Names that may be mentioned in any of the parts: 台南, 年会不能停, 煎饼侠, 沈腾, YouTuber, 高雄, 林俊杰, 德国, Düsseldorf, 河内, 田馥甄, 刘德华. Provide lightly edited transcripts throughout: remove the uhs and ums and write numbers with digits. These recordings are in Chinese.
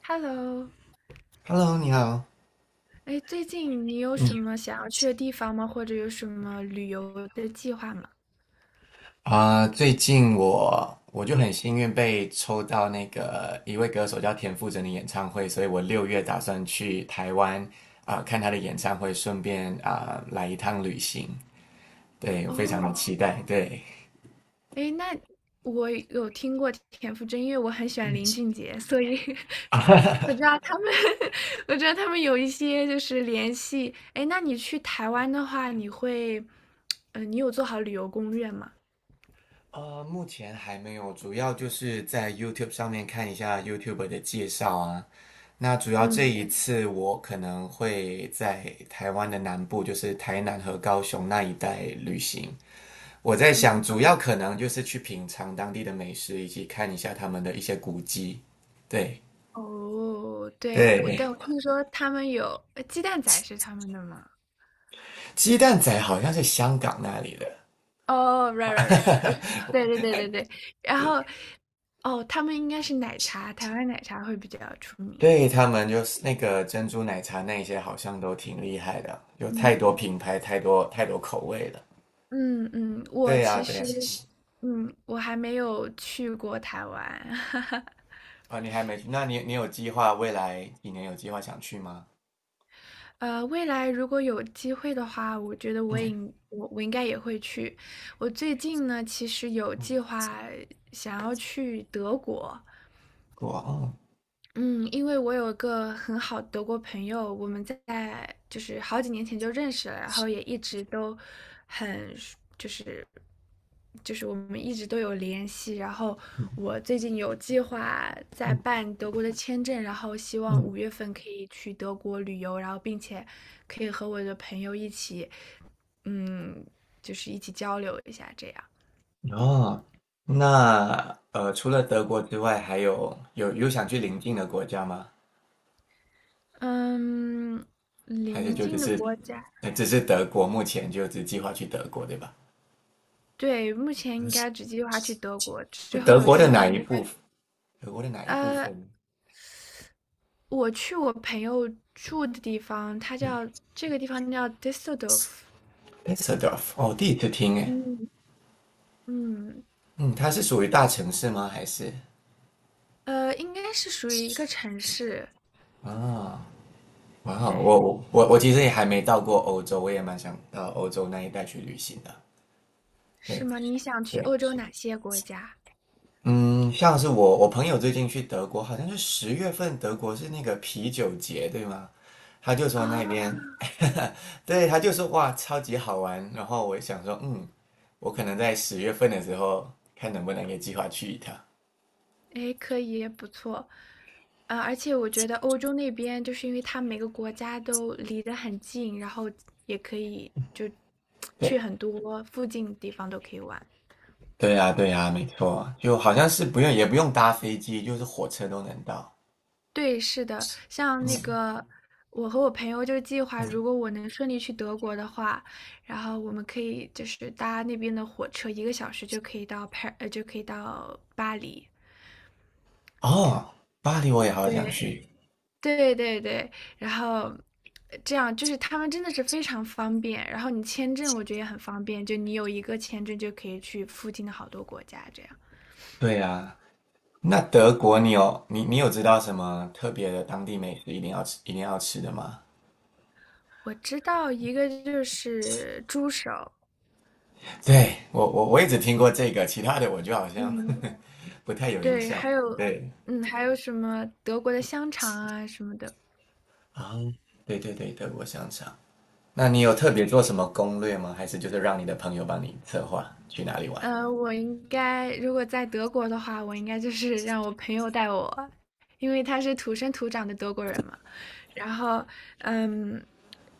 Hello，Hello，你好。哎，最近你有什嗯么想要去的地方吗？或者有什么旅游的计划吗？最近我就很幸运被抽到那个一位歌手叫田馥甄的演唱会，所以我6月打算去台湾看他的演唱会，顺便来一趟旅行。对，我非常的哦，期待。对，哎，那我有听过田馥甄，因为我很喜欢林俊杰，所以 我知道他们 我知道他们有一些就是联系。哎，那你去台湾的话，你会，你有做好旅游攻略吗？目前还没有，主要就是在 YouTube 上面看一下 YouTuber 的介绍啊。那主要这嗯一次我可能会在台湾的南部，就是台南和高雄那一带旅行。我在想，嗯，主要可能就是去品尝当地的美食，以及看一下他们的一些古迹。对哦，对，我，对，但我听说他们有，鸡蛋仔是他们的吗？鸡蛋仔好像是香港那里的。哦，right right right，对对对对对，然后哦，他们应该是奶茶，台湾奶茶会比较出名。对，他们就是那个珍珠奶茶那些，好像都挺厉害的，有太嗯多品牌，太多太多口味了。嗯嗯，我对呀、其对呀、实我还没有去过台湾，啊，你还没去？那你有计划未来几年有计划想去吗？未来如果有机会的话，我觉得我嗯也应我我应该也会去。我最近呢，其实有嗯，计划想要去德国，我嗯，因为我有一个很好的德国朋友，我们在就是好几年前就认识了，然后也一直都很就是就是我们一直都有联系。然后嗯我最近有计划在嗯嗯办德国的签证，然后希望嗯。五月份可以去德国旅游，然后并且可以和我的朋友一起，嗯，就是一起交流一下这样。哦，那除了德国之外，还有想去邻近的国家吗？嗯，还是邻就近的国家。只是德国，目前就只计划去德国，对吧？对，目前应该只计划去德国，之后德有国机的哪会一应该，部分？德国的哪一部呃，分我去我朋友住的地方，这个地方叫 Düsseldorf，？Düsseldorf。哦，第一次听诶。嗯嗯，嗯，它是属于大城市吗？还是应该是属于一个城市，啊？哇哦，对，我其实也还没到过欧洲，我也蛮想到欧洲那一带去旅行的。是对吗？你想去对，欧洲哪些国家？嗯，像是我朋友最近去德国，好像是十月份，德国是那个啤酒节，对吗？他就说啊，那边，对，他就说哇，超级好玩。然后我想说，我可能在十月份的时候，看能不能给计划去一趟。哎，可以，不错，而且我觉得欧洲那边就是因为它每个国家都离得很近，然后也可以就对，去很多附近地方都可以玩。对呀，对呀，没错，就好像是不用也不用搭飞机，就是火车都能到。对，是的，像那嗯个我和我朋友就计划，嗯。如果我能顺利去德国的话，然后我们可以就是搭那边的火车，一个小时就可以到巴黎。哦，巴黎我也好想对，去。对对对，然后这样就是他们真的是非常方便，然后你签证我觉得也很方便，就你有一个签证就可以去附近的好多国家这样。对呀，那德国你有你你有知道什么特别的当地美食一定要吃一定要吃的吗？我知道一个就是猪手，对，我也只听过这个，其他的我就好像 嗯，不太有印对，象。对还有什么德国的香肠啊什么的。啊，对对对，德国香肠。那你有特别做什么攻略吗？还是就是让你的朋友帮你策划去哪里玩？我应该如果在德国的话，我应该就是让我朋友带我，因为他是土生土长的德国人嘛。然后，嗯，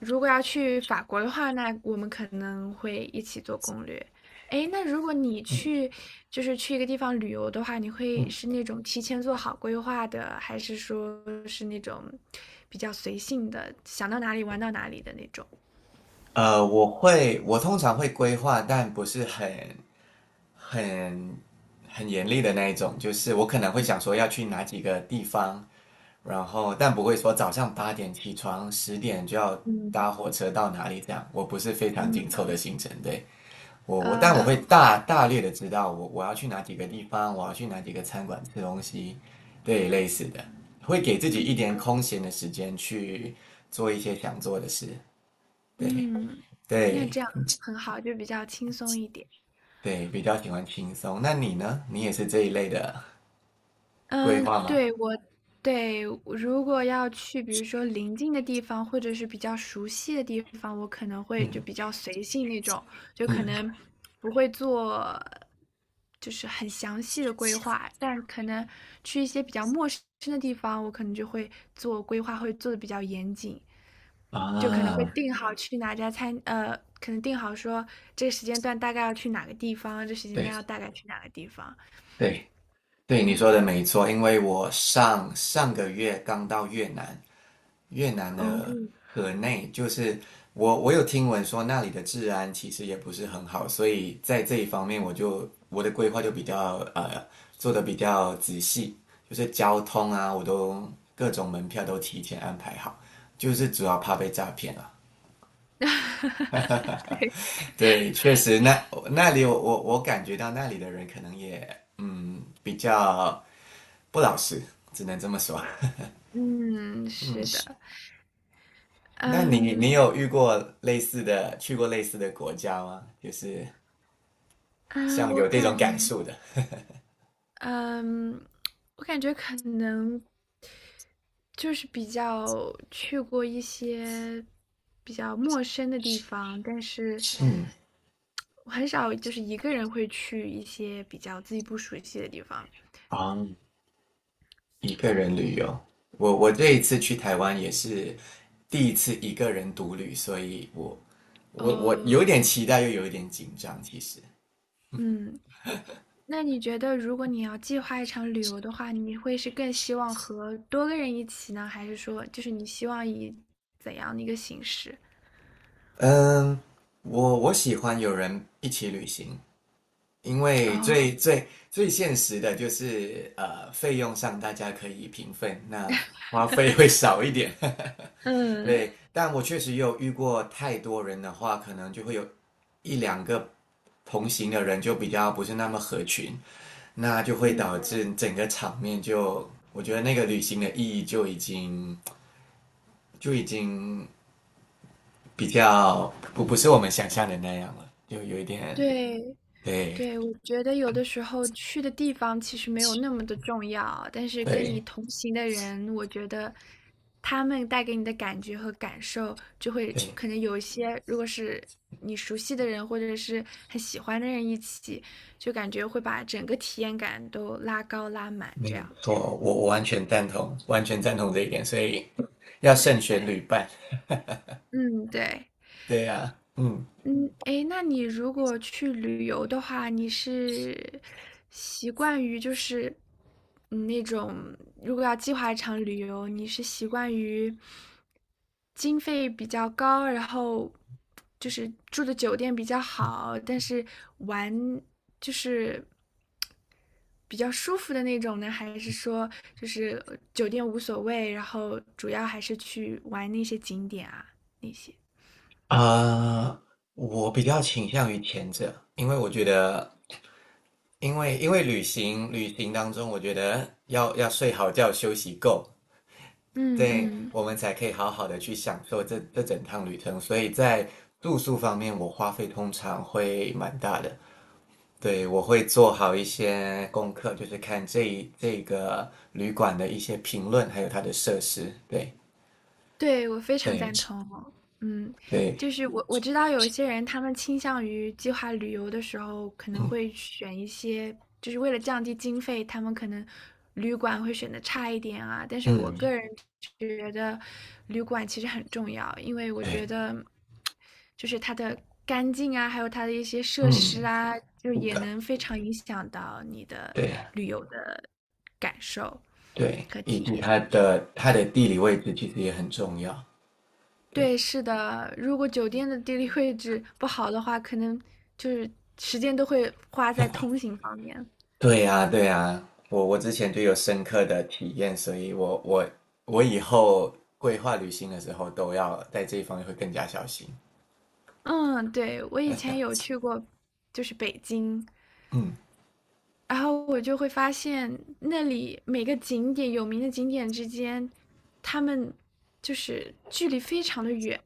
如果要去法国的话，那我们可能会一起做攻略。诶，那如果你去，就是去一个地方旅游的话，你会是那种提前做好规划的，还是说是那种比较随性的，想到哪里玩到哪里的那种？我通常会规划，但不是很很严厉的那一种，就是我可能会想说要去哪几个地方，然后但不会说早上8点起床，10点就要嗯搭火车到哪里这样。我不是非常紧嗯，凑的行程。对。但我会 啊 大略的知道我要去哪几个地方，我要去哪几个餐馆吃东西，对，类似的，会给自己一嗯点空闲的时间去做一些想做的事，对嗯，那对这样很好，就比较轻松一点。对，比较喜欢轻松。那你呢？你也是这一类的。规嗯，划吗？对，对，我如果要去，比如说临近的地方，或者是比较熟悉的地方，我可能会就比嗯较随性那种，就可嗯能不会做就是很详细的规划，但可能去一些比较陌生的地方，我可能就会做规划，会做的比较严谨。就可能会啊，定好去哪家餐，可能定好说这个时间段大概要去哪个地方，这时间段要对大概去哪个地方。对对，你嗯，说的没错，因为我上上个月刚到越南，越南哦，的河内，就是我有听闻说那里的治安其实也不是很好，所以在这一方面我的规划就比较做的比较仔细，就是交通啊，各种门票都提前安排好，就是主要怕被诈骗啊。对，对，确实，那那里我感觉到那里的人可能也比较不老实，只能这么说。嗯，嗯，是是。的，那你嗯有遇过类似的，去过类似的国家吗？就是嗯，像有这种感受的。嗯，我感觉可能就是比较去过一些比较陌生的地方，但是是。嗯。我很少就是一个人会去一些比较自己不熟悉的地方。啊，一个人旅游，我这一次去台湾也是第一次一个人独旅，所以我哦，有点期待，又有一点紧张。其实，嗯，那你觉得如果你要计划一场旅游的话，你会是更希望和多个人一起呢，还是说就是你希望以怎样的一个形式？嗯，我喜欢有人一起旅行，因为哦，最现实的就是费用上大家可以平分，那花费会少一点。嗯对，但我确实有遇过太多人的话，可能就会有一两个同行的人就比较不是那么合群，那就会导嗯，致整个场面就，我觉得那个旅行的意义就已经就已经比较不是我们想象的那样了，就有一点对，对对，我觉得有的时候去的地方其实没有那么的重要啊，但是跟你对同行的人，我觉得他们带给你的感觉和感受，就会对。可能有一些，如果是你熟悉的人或者是很喜欢的人一起，就感觉会把整个体验感都拉高拉满，没这有样。错，我完全赞同，完全赞同这一点，所以要慎对，选旅伴。嗯，对。对呀。嗯嗯，诶，那你如果去旅游的话，你是习惯于就是那种，如果要计划一场旅游，你是习惯于经费比较高，然后就是住的酒店比较好，但是玩就是比较舒服的那种呢，还是说就是酒店无所谓，然后主要还是去玩那些景点啊，那些。啊，呃我比较倾向于前者，因为我觉得，因为旅行当中，我觉得要睡好觉，休息够，嗯对，嗯。我们才可以好好的去享受这整趟旅程。所以在住宿方面，我花费通常会蛮大的。对，我会做好一些功课，就是看这个旅馆的一些评论，还有它的设施。对，对，我非常对，赞同。嗯，对，就是我知道有一些人，他们倾向于计划旅游的时候，可能会选一些，就是为了降低经费，他们可能旅馆会选的差一点啊。但是我嗯，个人觉得，旅馆其实很重要，因为我觉对，得，就是它的干净啊，还有它的一些设嗯，是施啊，就也的，能非常影响到你的对，旅游的感受对，和以体及验。它的地理位置其实也很重要。对，对，是的，如果酒店的地理位置不好的话，可能就是时间都会花在通行方面。对呀，对呀，我之前就有深刻的体验，所以我以后规划旅行的时候都要在这一方面会更加小心。嗯，对，我以前有去过，就是北京，嗯，然后我就会发现那里每个景点有名的景点之间，他们就是距离非常的远，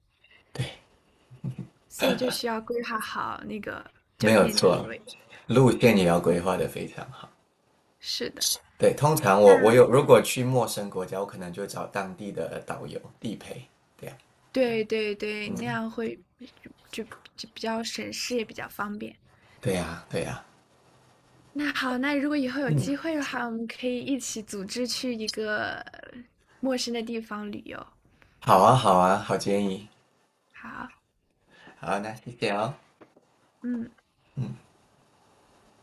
所以就需要规划好那个没酒有店地理错，位置。路线也嗯，要规划的非常好。是的，对，通常那我我有如果去陌生国家，我可能就找当地的导游地陪，对呀，对对对，嗯，那样会就就就比较省事，也比较方便。对呀，对呀，那好，那如果以后有嗯，机会的话，我们可以一起组织去一个陌生的地方旅游。好啊，好啊，好建议，好，好，那谢谢哦。嗯。